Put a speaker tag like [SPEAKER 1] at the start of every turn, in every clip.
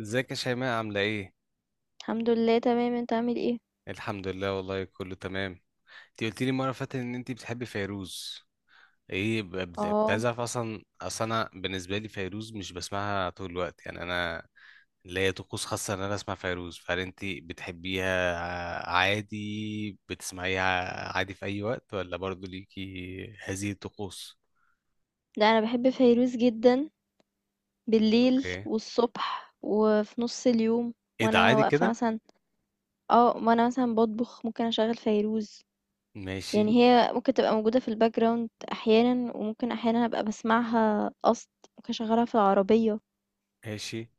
[SPEAKER 1] ازيك يا شيماء عاملة ايه؟
[SPEAKER 2] الحمد لله تمام. انت عامل ايه؟
[SPEAKER 1] الحمد لله والله كله تمام. انتي قلتي لي مرة اللي فاتت ان انتي بتحبي فيروز. ايه كنت
[SPEAKER 2] اه
[SPEAKER 1] عايز اعرف، اصلا انا بالنسبة لي فيروز مش بسمعها طول الوقت، يعني انا ليا طقوس خاصة ان انا اسمع فيروز، فهل انتي بتحبيها عادي بتسمعيها عادي في اي وقت ولا برضو ليكي هذه الطقوس؟
[SPEAKER 2] ده انا بحب فيروز جدا، بالليل
[SPEAKER 1] اوكي،
[SPEAKER 2] والصبح وفي نص اليوم
[SPEAKER 1] ايه ده
[SPEAKER 2] وانا
[SPEAKER 1] عادي
[SPEAKER 2] واقفه
[SPEAKER 1] كده؟
[SPEAKER 2] مثلا. اه وانا مثلا بطبخ ممكن اشغل فيروز،
[SPEAKER 1] ماشي.
[SPEAKER 2] يعني هي ممكن تبقى موجوده في الباك جراوند احيانا وممكن احيانا ابقى بسمعها قصد، ممكن اشغلها في العربيه.
[SPEAKER 1] ماشي.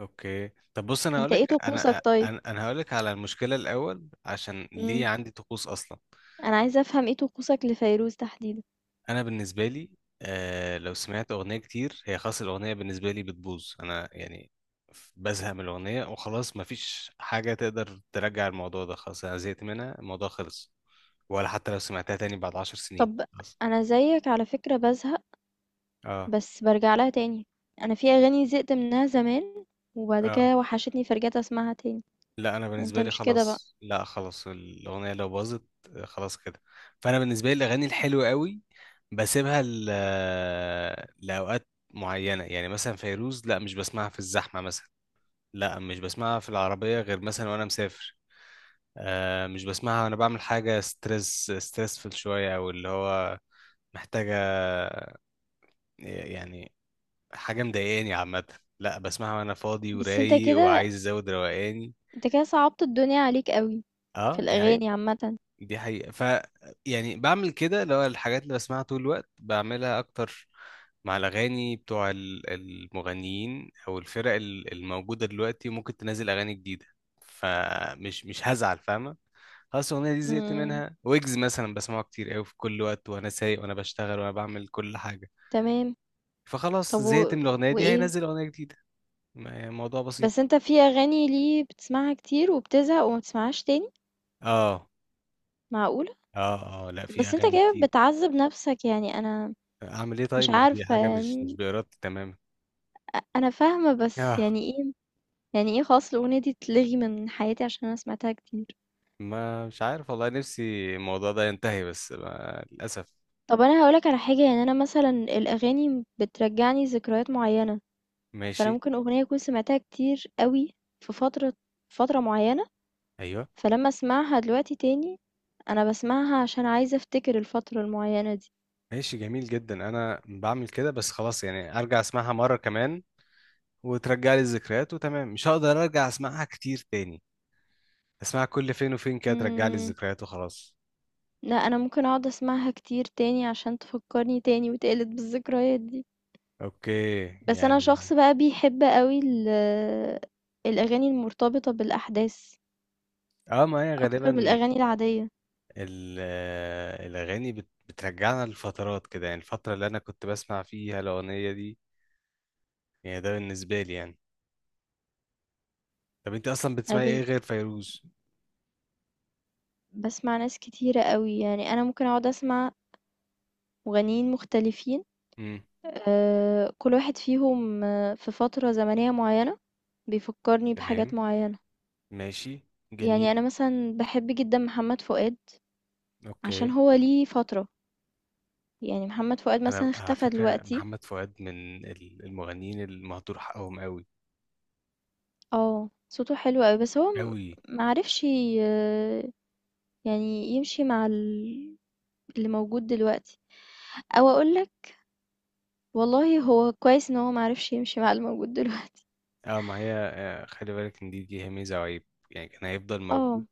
[SPEAKER 1] اوكي، طب بص انا
[SPEAKER 2] انت ايه
[SPEAKER 1] هقولك،
[SPEAKER 2] طقوسك
[SPEAKER 1] انا
[SPEAKER 2] طيب؟
[SPEAKER 1] انا انا هقولك على المشكله الاول عشان ليه
[SPEAKER 2] امم
[SPEAKER 1] عندي طقوس اصلا.
[SPEAKER 2] انا عايزه افهم ايه طقوسك لفيروز تحديدا.
[SPEAKER 1] انا بالنسبه لي لو سمعت اغنيه كتير هي خلاص الاغنيه بالنسبه لي بتبوظ، انا يعني بزهق من الاغنيه وخلاص، مفيش حاجه تقدر ترجع الموضوع ده، خلاص انا زهقت منها، الموضوع خلص. ولا حتى لو سمعتها تاني بعد 10 سنين،
[SPEAKER 2] طب
[SPEAKER 1] خلاص.
[SPEAKER 2] انا زيك على فكره بزهق،
[SPEAKER 1] اه.
[SPEAKER 2] بس بارجع لها تاني، انا في اغاني زهقت منها زمان وبعد
[SPEAKER 1] اه،
[SPEAKER 2] كده وحشتني فرجعت اسمعها تاني.
[SPEAKER 1] لا انا
[SPEAKER 2] انت
[SPEAKER 1] بالنسبه لي
[SPEAKER 2] مش كده بقى.
[SPEAKER 1] خلاص، لا خلاص الاغنيه لو باظت خلاص كده. فانا بالنسبه لي الاغاني الحلوه قوي بسيبها لاوقات معينه، يعني مثلا فيروز، لا مش بسمعها في الزحمه مثلا، لا مش بسمعها في العربيه غير مثلا وانا مسافر. مش بسمعها وانا بعمل حاجه ستريس ستريسفل شويه، او اللي هو محتاجه، يعني حاجه مضايقاني عامه. لا بسمعها وانا فاضي
[SPEAKER 2] بس انت
[SPEAKER 1] ورايق
[SPEAKER 2] كده،
[SPEAKER 1] وعايز ازود روقاني.
[SPEAKER 2] انت كده صعبت الدنيا عليك قوي في
[SPEAKER 1] اه دي حقيقة.
[SPEAKER 2] الاغاني عامه.
[SPEAKER 1] دي حقيقة، ف يعني بعمل كده، اللي هو الحاجات اللي بسمعها طول الوقت بعملها أكتر. مع الأغاني بتوع المغنيين أو الفرق الموجودة دلوقتي ممكن تنزل أغاني جديدة، فمش مش هزعل فاهمة. خلاص الأغنية دي زهقت
[SPEAKER 2] امم
[SPEAKER 1] منها. ويجز مثلا بسمعه كتير أوي في كل وقت، وأنا سايق وأنا بشتغل وأنا بعمل كل حاجة،
[SPEAKER 2] تمام.
[SPEAKER 1] فخلاص
[SPEAKER 2] طب
[SPEAKER 1] زهقت من الأغنية دي،
[SPEAKER 2] وايه؟
[SPEAKER 1] هينزل أغنية جديدة، الموضوع بسيط.
[SPEAKER 2] بس انت في اغاني ليه بتسمعها كتير وبتزهق وما بتسمعهاش تاني؟
[SPEAKER 1] اه.
[SPEAKER 2] معقوله؟
[SPEAKER 1] اه. اه لا في
[SPEAKER 2] بس انت
[SPEAKER 1] أغاني
[SPEAKER 2] كده
[SPEAKER 1] كتير.
[SPEAKER 2] بتعذب نفسك، يعني انا
[SPEAKER 1] أعمل إيه طيب،
[SPEAKER 2] مش
[SPEAKER 1] ما دي
[SPEAKER 2] عارفه
[SPEAKER 1] حاجة مش
[SPEAKER 2] يعني،
[SPEAKER 1] بإرادتي تماما.
[SPEAKER 2] انا فاهمه بس
[SPEAKER 1] اه،
[SPEAKER 2] يعني ايه؟ يعني ايه خلاص الاغنيه دي تلغي من حياتي عشان انا سمعتها كتير؟
[SPEAKER 1] ما مش عارف والله، نفسي الموضوع ده ينتهي بس ما للأسف.
[SPEAKER 2] طب انا هقولك على حاجه، يعني انا مثلا الاغاني بترجعني ذكريات معينه، فانا
[SPEAKER 1] ماشي.
[SPEAKER 2] ممكن اغنيه اكون سمعتها كتير قوي في فتره معينه،
[SPEAKER 1] أيوه.
[SPEAKER 2] فلما اسمعها دلوقتي تاني انا بسمعها عشان عايزه افتكر الفتره المعينه دي.
[SPEAKER 1] ماشي، جميل جدا، أنا بعمل كده بس خلاص، يعني أرجع أسمعها مرة كمان وترجع لي الذكريات وتمام، مش هقدر أرجع أسمعها كتير تاني. أسمعها كل فين وفين كده ترجع لي
[SPEAKER 2] امم
[SPEAKER 1] الذكريات وخلاص.
[SPEAKER 2] لا انا ممكن اقعد اسمعها كتير تاني عشان تفكرني تاني وتقلد بالذكريات دي.
[SPEAKER 1] أوكي.
[SPEAKER 2] بس انا
[SPEAKER 1] يعني
[SPEAKER 2] شخص بقى بيحب قوي الاغاني المرتبطه بالاحداث
[SPEAKER 1] أه ما هي
[SPEAKER 2] اكتر من
[SPEAKER 1] غالبا
[SPEAKER 2] الاغاني العاديه.
[SPEAKER 1] الأغاني بترجعنا لفترات كده، يعني الفترة اللي أنا كنت بسمع فيها الأغنية دي، يعني ده بالنسبة لي يعني. طب أنت أصلا
[SPEAKER 2] انا
[SPEAKER 1] بتسمعي إيه
[SPEAKER 2] بن-
[SPEAKER 1] غير فيروز؟
[SPEAKER 2] باسمع ناس كتيرة أوي، يعني أنا ممكن أقعد أسمع مغنيين مختلفين. كل واحد فيهم في فترة زمنية معيّنة بيفكّرني بحاجات
[SPEAKER 1] تمام.
[SPEAKER 2] معيّنة.
[SPEAKER 1] ماشي.
[SPEAKER 2] يعني
[SPEAKER 1] جميل.
[SPEAKER 2] أنا مثلًا باحب جدًا محمد فؤاد
[SPEAKER 1] اوكي.
[SPEAKER 2] عشان هو ليه فترة، يعني محمد فؤاد
[SPEAKER 1] انا أنا
[SPEAKER 2] مثلًا
[SPEAKER 1] على
[SPEAKER 2] اختفى
[SPEAKER 1] فكره
[SPEAKER 2] دلوقتي.
[SPEAKER 1] محمد فؤاد من المغنيين المهدور حقهم قوي.
[SPEAKER 2] آه، صوته حلو أوي، بس هو م
[SPEAKER 1] قوي.
[SPEAKER 2] ما عرفش ي يعني يمشي مع اللي موجود دلوقتي، أو أقول لك والله هو كويس إن هو ما عرفش يمشي مع اللي موجود دلوقتي.
[SPEAKER 1] اه ما هي، خلي بالك ان دي هي ميزه وعيب، يعني كان هيفضل موجود،
[SPEAKER 2] آه.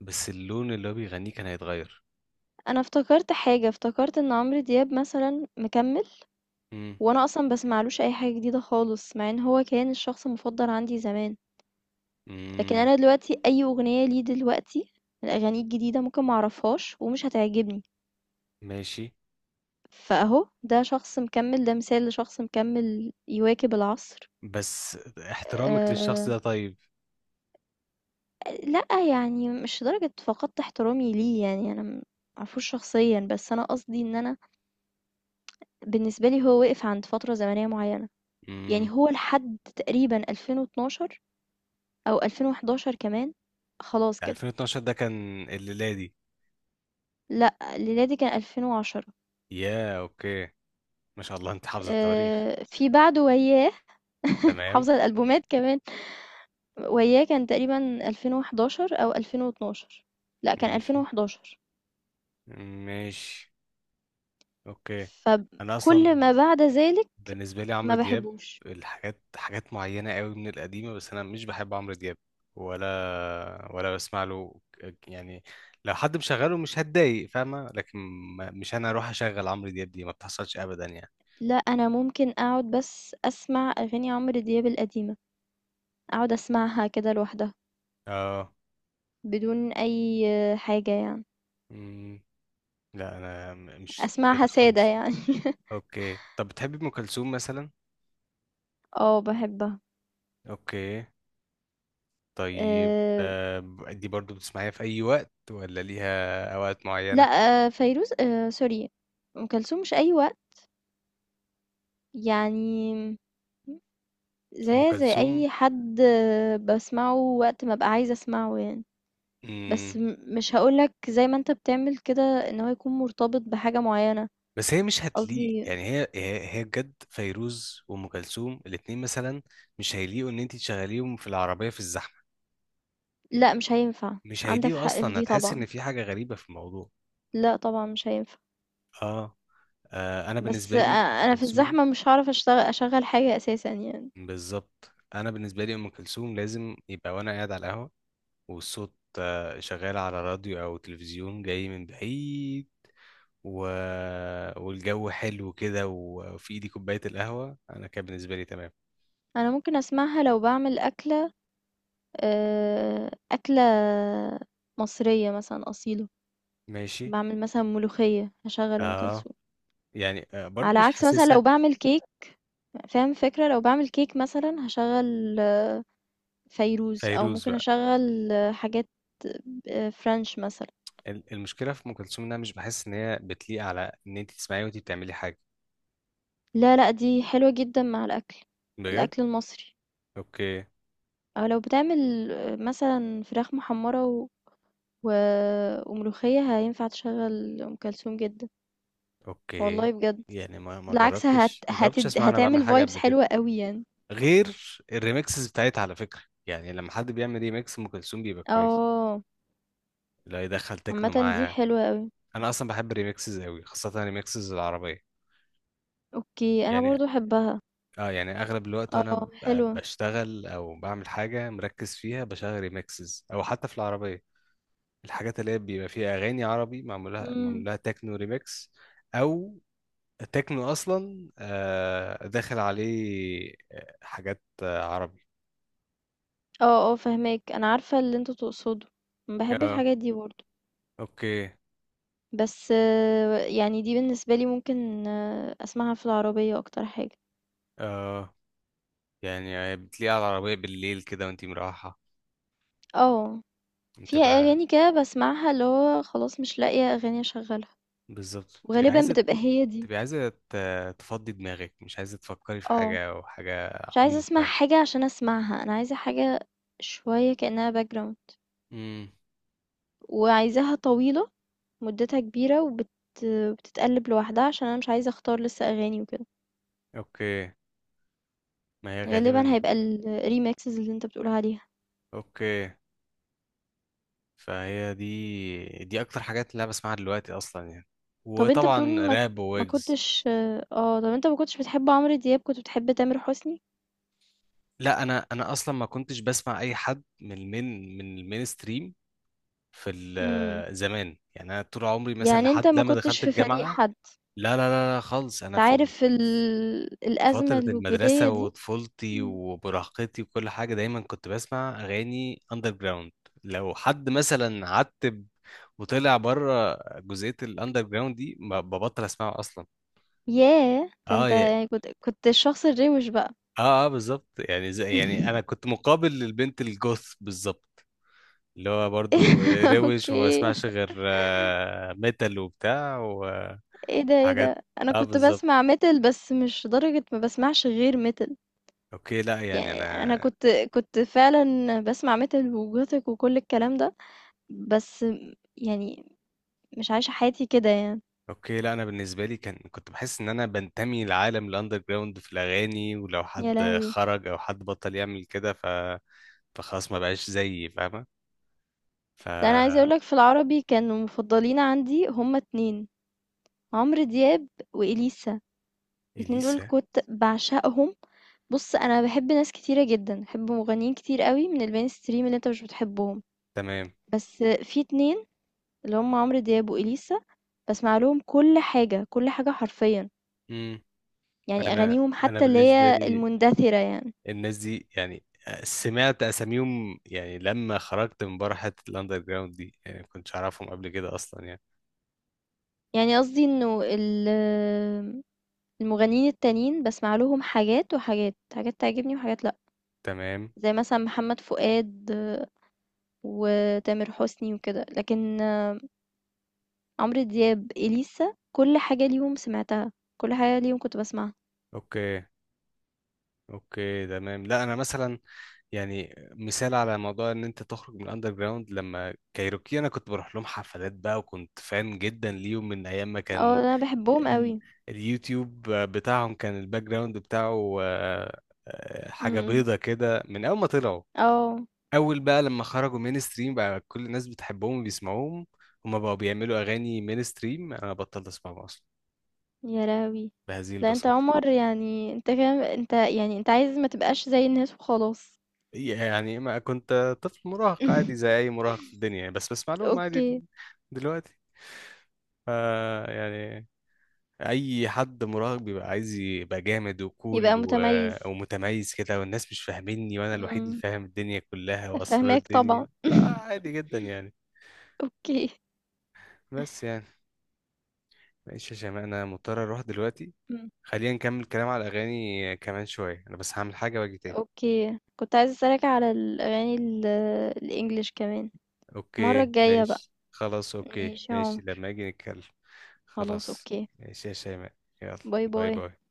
[SPEAKER 1] بس اللون اللي هو بيغنيه كان هيتغير.
[SPEAKER 2] أنا افتكرت حاجة، افتكرت إن عمرو دياب مثلًا مكمّل،
[SPEAKER 1] امم.
[SPEAKER 2] وأنا أصلًا باسمعلوش أي حاجة جديدة خالص، مع إن هو كان الشخص المفضل عندي زمان، لكن
[SPEAKER 1] امم.
[SPEAKER 2] أنا دلوقتي أي أغنية ليه دلوقتي من أغانيه الجديدة ممكن ما أعرفهاش ومش هتعجبني،
[SPEAKER 1] ماشي.
[SPEAKER 2] فأهو ده شخص مكمّل، ده مثال لشخص مكمّل يواكب العصر.
[SPEAKER 1] بس احترامك
[SPEAKER 2] آآ،
[SPEAKER 1] للشخص ده طيب.
[SPEAKER 2] لأ يعني مش لدرجة فقدت احترامي ليه، يعني أنا ما اعرفوش شخصيًا، بس أنا قصدي إن أنا بالنسبة لي هو وقف عند فترة زمنية معيّنة. يعني
[SPEAKER 1] امم.
[SPEAKER 2] هو لحد تقريبًا 2012 أو 2011 كمان، خلاص كده.
[SPEAKER 1] 2012 ده كان الليلادي.
[SPEAKER 2] لأ، ميلادي كان 2010.
[SPEAKER 1] يا اوكي، ما شاء الله انت حافظ التواريخ.
[SPEAKER 2] في بعده وياه
[SPEAKER 1] تمام.
[SPEAKER 2] حافظة الألبومات كمان. وياه كان تقريبًا 2011 أو 2012. لأ، كان
[SPEAKER 1] ماشي.
[SPEAKER 2] 2011.
[SPEAKER 1] ماشي. اوكي. انا
[SPEAKER 2] فكل
[SPEAKER 1] اصلا
[SPEAKER 2] ما بعد ذلك
[SPEAKER 1] بالنسبة لي عمرو
[SPEAKER 2] ما
[SPEAKER 1] دياب
[SPEAKER 2] باحبوش.
[SPEAKER 1] الحاجات حاجات معينة قوي من القديمة، بس أنا مش بحب عمرو دياب، ولا بسمع له يعني لو حد مشغله مش هتضايق فاهمة، لكن مش أنا أروح أشغل عمرو دياب، دي ما بتحصلش أبدا يعني.
[SPEAKER 2] لأ، أنا ممكن أقعد بس أسمع أغاني عمرو دياب القديمة، أقعد أسمعها كده لوحدها،
[SPEAKER 1] اه.
[SPEAKER 2] بدون أي حاجة يعني،
[SPEAKER 1] مم. لا أنا مش كده
[SPEAKER 2] أسمعها سادة
[SPEAKER 1] خالص يعني.
[SPEAKER 2] يعني.
[SPEAKER 1] أوكي طب بتحبي أم كلثوم مثلا؟
[SPEAKER 2] اه بحبها.
[SPEAKER 1] أوكي. طيب
[SPEAKER 2] أه،
[SPEAKER 1] دي برضو بتسمعيها في أي وقت ولا ليها أوقات
[SPEAKER 2] لا،
[SPEAKER 1] معينة؟
[SPEAKER 2] أه فيروز، أه سوري، ام كلثوم مش اي وقت، يعني
[SPEAKER 1] أم
[SPEAKER 2] زي زي
[SPEAKER 1] كلثوم.
[SPEAKER 2] اي حد بسمعه وقت ما ابقى عايزه اسمعه يعني. بس
[SPEAKER 1] مم.
[SPEAKER 2] مش هقولك زي ما انت بتعمل كده ان هو يكون مرتبط بحاجه معينه.
[SPEAKER 1] بس هي مش هتليق،
[SPEAKER 2] قصدي
[SPEAKER 1] يعني هي بجد فيروز وام كلثوم الاتنين مثلا مش هيليقوا ان انت تشغليهم في العربيه في الزحمه.
[SPEAKER 2] لا مش هينفع.
[SPEAKER 1] مش
[SPEAKER 2] عندك
[SPEAKER 1] هيليقوا
[SPEAKER 2] حق في
[SPEAKER 1] اصلا،
[SPEAKER 2] دي
[SPEAKER 1] هتحس
[SPEAKER 2] طبعا،
[SPEAKER 1] ان في حاجه غريبه في الموضوع.
[SPEAKER 2] لا طبعا مش هينفع.
[SPEAKER 1] اه، آه انا
[SPEAKER 2] بس
[SPEAKER 1] بالنسبه لي ام
[SPEAKER 2] انا في
[SPEAKER 1] كلثوم،
[SPEAKER 2] الزحمه مش هعرف اشتغل اشغل حاجه اساسا يعني.
[SPEAKER 1] بالظبط، انا بالنسبه لي ام كلثوم لازم يبقى وانا قاعد على القهوه، والصوت شغال على راديو او تلفزيون جاي من بعيد و... والجو حلو كده وفي ايدي كوبايه القهوه، انا كان بالنسبه لي تمام.
[SPEAKER 2] انا ممكن اسمعها لو بعمل اكله، أكلة مصرية مثلا أصيلة،
[SPEAKER 1] ماشي.
[SPEAKER 2] بعمل مثلا ملوخية هشغل أم
[SPEAKER 1] اه
[SPEAKER 2] كلثوم.
[SPEAKER 1] يعني، برضو
[SPEAKER 2] على
[SPEAKER 1] مش
[SPEAKER 2] عكس مثلا
[SPEAKER 1] حاسسها.
[SPEAKER 2] لو بعمل كيك، فاهم فكرة؟ لو بعمل كيك مثلا هشغل فيروز أو
[SPEAKER 1] فيروز
[SPEAKER 2] ممكن
[SPEAKER 1] بقى.
[SPEAKER 2] أشغل حاجات فرنش مثلا.
[SPEAKER 1] المشكله في ام كلثوم انها مش بحس ان هي بتليق على ان انت تسمعي وانت بتعملي حاجه.
[SPEAKER 2] لا لا دي حلوة جدا مع الأكل،
[SPEAKER 1] بجد.
[SPEAKER 2] الأكل المصري.
[SPEAKER 1] اوكي.
[SPEAKER 2] أو لو بتعمل مثلا فراخ محمرة وملوخية هينفع تشغل أم كلثوم جدا،
[SPEAKER 1] اوكي
[SPEAKER 2] والله بجد.
[SPEAKER 1] يعني ما ما
[SPEAKER 2] بالعكس
[SPEAKER 1] جربتش ما جربتش اسمع انا بعمل
[SPEAKER 2] هتعمل
[SPEAKER 1] حاجه
[SPEAKER 2] فايبس
[SPEAKER 1] قبل كده.
[SPEAKER 2] حلوة قوي يعني.
[SPEAKER 1] غير الريمكسز بتاعتها على فكره، يعني لما حد بيعمل ريمكس ام كلثوم بيبقى كويس.
[SPEAKER 2] اه
[SPEAKER 1] لا يدخل تكنو
[SPEAKER 2] عامة دي
[SPEAKER 1] معاها.
[SPEAKER 2] حلوة قوي.
[SPEAKER 1] انا اصلا بحب الريمكسز قوي، خاصه الريمكسز العربيه.
[SPEAKER 2] اوكي انا
[SPEAKER 1] يعني
[SPEAKER 2] برضو احبها.
[SPEAKER 1] اه، يعني اغلب الوقت وانا
[SPEAKER 2] اه حلوة.
[SPEAKER 1] بشتغل او بعمل حاجه مركز فيها بشغل ريمكسز، او حتى في العربيه الحاجات اللي هي بيبقى فيها اغاني عربي معمولها
[SPEAKER 2] امم
[SPEAKER 1] معمولها تكنو ريميكس، او تكنو اصلا داخل عليه حاجات عربي.
[SPEAKER 2] اه اه فهماك، انا عارفة اللي انتوا تقصده، بحب
[SPEAKER 1] اه.
[SPEAKER 2] الحاجات دي برضو.
[SPEAKER 1] اوكي.
[SPEAKER 2] بس يعني دي بالنسبة لي ممكن اسمعها في العربية اكتر حاجة.
[SPEAKER 1] اه يعني بتلاقيها على العربية بالليل كده وانتي مروحة،
[SPEAKER 2] اه فيها
[SPEAKER 1] بتبقى،
[SPEAKER 2] اغاني كده بسمعها اللي هو خلاص مش لاقية اغاني اشغلها،
[SPEAKER 1] بالظبط بتبقي
[SPEAKER 2] وغالبا
[SPEAKER 1] عايزة،
[SPEAKER 2] بتبقى هي دي.
[SPEAKER 1] تبقي عايزة تفضي دماغك، مش عايزة تفكري في
[SPEAKER 2] اه،
[SPEAKER 1] حاجة أو حاجة
[SPEAKER 2] مش عايزة
[SPEAKER 1] عميقة
[SPEAKER 2] اسمع
[SPEAKER 1] يعني.
[SPEAKER 2] حاجة عشان اسمعها، انا عايزة حاجة شوية كأنها background،
[SPEAKER 1] امم.
[SPEAKER 2] وعايزاها طويلة، مدتها كبيرة بتتقلب لوحدها عشان أنا مش عايزة أختار لسه أغاني وكده.
[SPEAKER 1] اوكي. ما هي
[SPEAKER 2] غالبا
[SPEAKER 1] غالبا.
[SPEAKER 2] هيبقى الريمكسز اللي أنت بتقول عليها.
[SPEAKER 1] اوكي. فهي دي اكتر حاجات اللي انا بسمعها دلوقتي اصلا يعني،
[SPEAKER 2] طب أنت بتقول
[SPEAKER 1] وطبعا راب
[SPEAKER 2] ما
[SPEAKER 1] وويجز.
[SPEAKER 2] كنتش، اه طب أنت ما كنتش بتحب عمرو دياب، كنت بتحب تامر حسني؟
[SPEAKER 1] لا انا اصلا ما كنتش بسمع اي حد من المين من المين ستريم في
[SPEAKER 2] امم
[SPEAKER 1] زمان، يعني انا طول عمري مثلا
[SPEAKER 2] يعني أنت
[SPEAKER 1] لحد
[SPEAKER 2] ما
[SPEAKER 1] لما
[SPEAKER 2] كنتش
[SPEAKER 1] دخلت
[SPEAKER 2] في فريق
[SPEAKER 1] الجامعه.
[SPEAKER 2] حد؟
[SPEAKER 1] لا خالص، انا في
[SPEAKER 2] تعرف الأزمة
[SPEAKER 1] فتره
[SPEAKER 2] الوجودية
[SPEAKER 1] المدرسه
[SPEAKER 2] دي.
[SPEAKER 1] وطفولتي
[SPEAKER 2] مم.
[SPEAKER 1] ومراهقتي وكل حاجه دايما كنت بسمع اغاني اندر جراوند. لو حد مثلا عتب وطلع بره جزئيه الاندر جراوند دي ببطل اسمعه اصلا.
[SPEAKER 2] ياه ده أنت
[SPEAKER 1] اه.
[SPEAKER 2] يعني كنت الشخص الروش بقى.
[SPEAKER 1] اه بالظبط يعني، زي، يعني انا كنت مقابل للبنت الجوث بالظبط، اللي هو برضو روش وما
[SPEAKER 2] اوكي،
[SPEAKER 1] بسمعش غير ميتال وبتاع وحاجات.
[SPEAKER 2] إيه ده، إيه ده! أنا
[SPEAKER 1] اه
[SPEAKER 2] كنت
[SPEAKER 1] بالظبط.
[SPEAKER 2] باسمع metal بس مش لدرجة ما باسمعش غير metal.
[SPEAKER 1] اوكي لا يعني
[SPEAKER 2] يعني
[SPEAKER 1] انا،
[SPEAKER 2] أنا كنت، كنت فعلًا باسمع metal وgothic وكل الكلام ده، بس يعني مش عايشة حياتي كده يعني.
[SPEAKER 1] اوكي لا انا بالنسبه لي كان، كنت بحس ان انا بنتمي لعالم الاندر جراوند في الاغاني، ولو
[SPEAKER 2] يا
[SPEAKER 1] حد
[SPEAKER 2] لهوي!
[SPEAKER 1] خرج او حد بطل يعمل كده ف، فخلاص ما بقاش زيي فاهمه، ف
[SPEAKER 2] لأ أنا عايزة أقول لك في العربي كانوا مفضلين عندي هُم 2: عمرو دياب وإليسا، الاتنين دول
[SPEAKER 1] اليسا.
[SPEAKER 2] كنت باعشقهم. بُص أنا باحب ناس كتيرة جدًا، باحب مغنيين كتير أوي من الmainstream اللي أنت مش بتحبهم،
[SPEAKER 1] تمام.
[SPEAKER 2] بس في 2 اللي هُم عمرو دياب وإليسا باسمع لهم كل حاجة، كل حاجة حرفيًا،
[SPEAKER 1] امم.
[SPEAKER 2] يعني
[SPEAKER 1] انا،
[SPEAKER 2] أغانيهم
[SPEAKER 1] انا
[SPEAKER 2] حتى اللي
[SPEAKER 1] بالنسبه
[SPEAKER 2] هي
[SPEAKER 1] لي
[SPEAKER 2] المندثرة يعني.
[SPEAKER 1] الناس دي يعني سمعت اساميهم يعني لما خرجت من بره حته الاندر جراوند دي، يعني ما كنتش اعرفهم قبل كده اصلا يعني.
[SPEAKER 2] يعني قصدي إنه المغنيين التانيين باسمع لهم حاجات وحاجات، حاجات تعجبني وحاجات لأ،
[SPEAKER 1] تمام.
[SPEAKER 2] زي مثلًا محمد فؤاد وتامر حسني وكده، لكن عمرو دياب، إليسا كل حاجة ليهم سمعتها، كل حاجة ليهم كنت باسمعها.
[SPEAKER 1] اوكي. اوكي تمام، لا انا مثلا، يعني مثال على موضوع ان انت تخرج من الاندر جراوند، لما كايروكي انا كنت بروح لهم حفلات بقى وكنت فان جدا ليهم من ايام ما كان
[SPEAKER 2] آه أنا باحبهم
[SPEAKER 1] ال...
[SPEAKER 2] أوي.
[SPEAKER 1] اليوتيوب بتاعهم كان الباك جراوند بتاعه
[SPEAKER 2] إمم،
[SPEAKER 1] حاجه
[SPEAKER 2] إمم،
[SPEAKER 1] بيضه كده من اول ما طلعوا.
[SPEAKER 2] آه.
[SPEAKER 1] اول بقى لما خرجوا مين ستريم بقى، كل الناس بتحبهم وبيسمعوهم، هما بقوا بيعملوا اغاني مين ستريم، انا بطلت اسمعهم اصلا،
[SPEAKER 2] يا لهوي!
[SPEAKER 1] بهذه
[SPEAKER 2] لأ أنت يا
[SPEAKER 1] البساطه.
[SPEAKER 2] عمر، يعني أنت كده، أنت يعني أنت عايز ما تبقاش زي الناس وخلاص.
[SPEAKER 1] يعني ما كنت طفل مراهق عادي زي اي مراهق في الدنيا يعني، بس بسمع لهم عادي،
[SPEAKER 2] أوكي،
[SPEAKER 1] دلوقتي ف يعني، اي حد مراهق بيبقى عايز يبقى جامد وكول
[SPEAKER 2] يبقى
[SPEAKER 1] و...
[SPEAKER 2] متميز.
[SPEAKER 1] ومتميز كده، والناس مش فاهميني وانا الوحيد اللي
[SPEAKER 2] إمم،
[SPEAKER 1] فاهم الدنيا كلها واسرار
[SPEAKER 2] فاهماك
[SPEAKER 1] الدنيا،
[SPEAKER 2] طبعًا.
[SPEAKER 1] فعادي جدا يعني.
[SPEAKER 2] أوكي،
[SPEAKER 1] بس يعني، معلش يا شيماء انا مضطر اروح دلوقتي،
[SPEAKER 2] إمم.
[SPEAKER 1] خلينا نكمل كلام على الأغاني كمان شوية، أنا بس هعمل حاجة وأجي تاني.
[SPEAKER 2] أوكي. كنت عايزة أسألك على الأغاني الEnglish كمان، المرة
[SPEAKER 1] أوكي
[SPEAKER 2] الجاية بقى.
[SPEAKER 1] ماشي، خلاص أوكي
[SPEAKER 2] ماشي يا
[SPEAKER 1] ماشي،
[SPEAKER 2] عمر،
[SPEAKER 1] لما أجي نتكلم.
[SPEAKER 2] خلاص
[SPEAKER 1] خلاص.
[SPEAKER 2] أوكي.
[SPEAKER 1] ماشي يا شيماء. يلا.
[SPEAKER 2] باي،
[SPEAKER 1] باي
[SPEAKER 2] باي.
[SPEAKER 1] باي.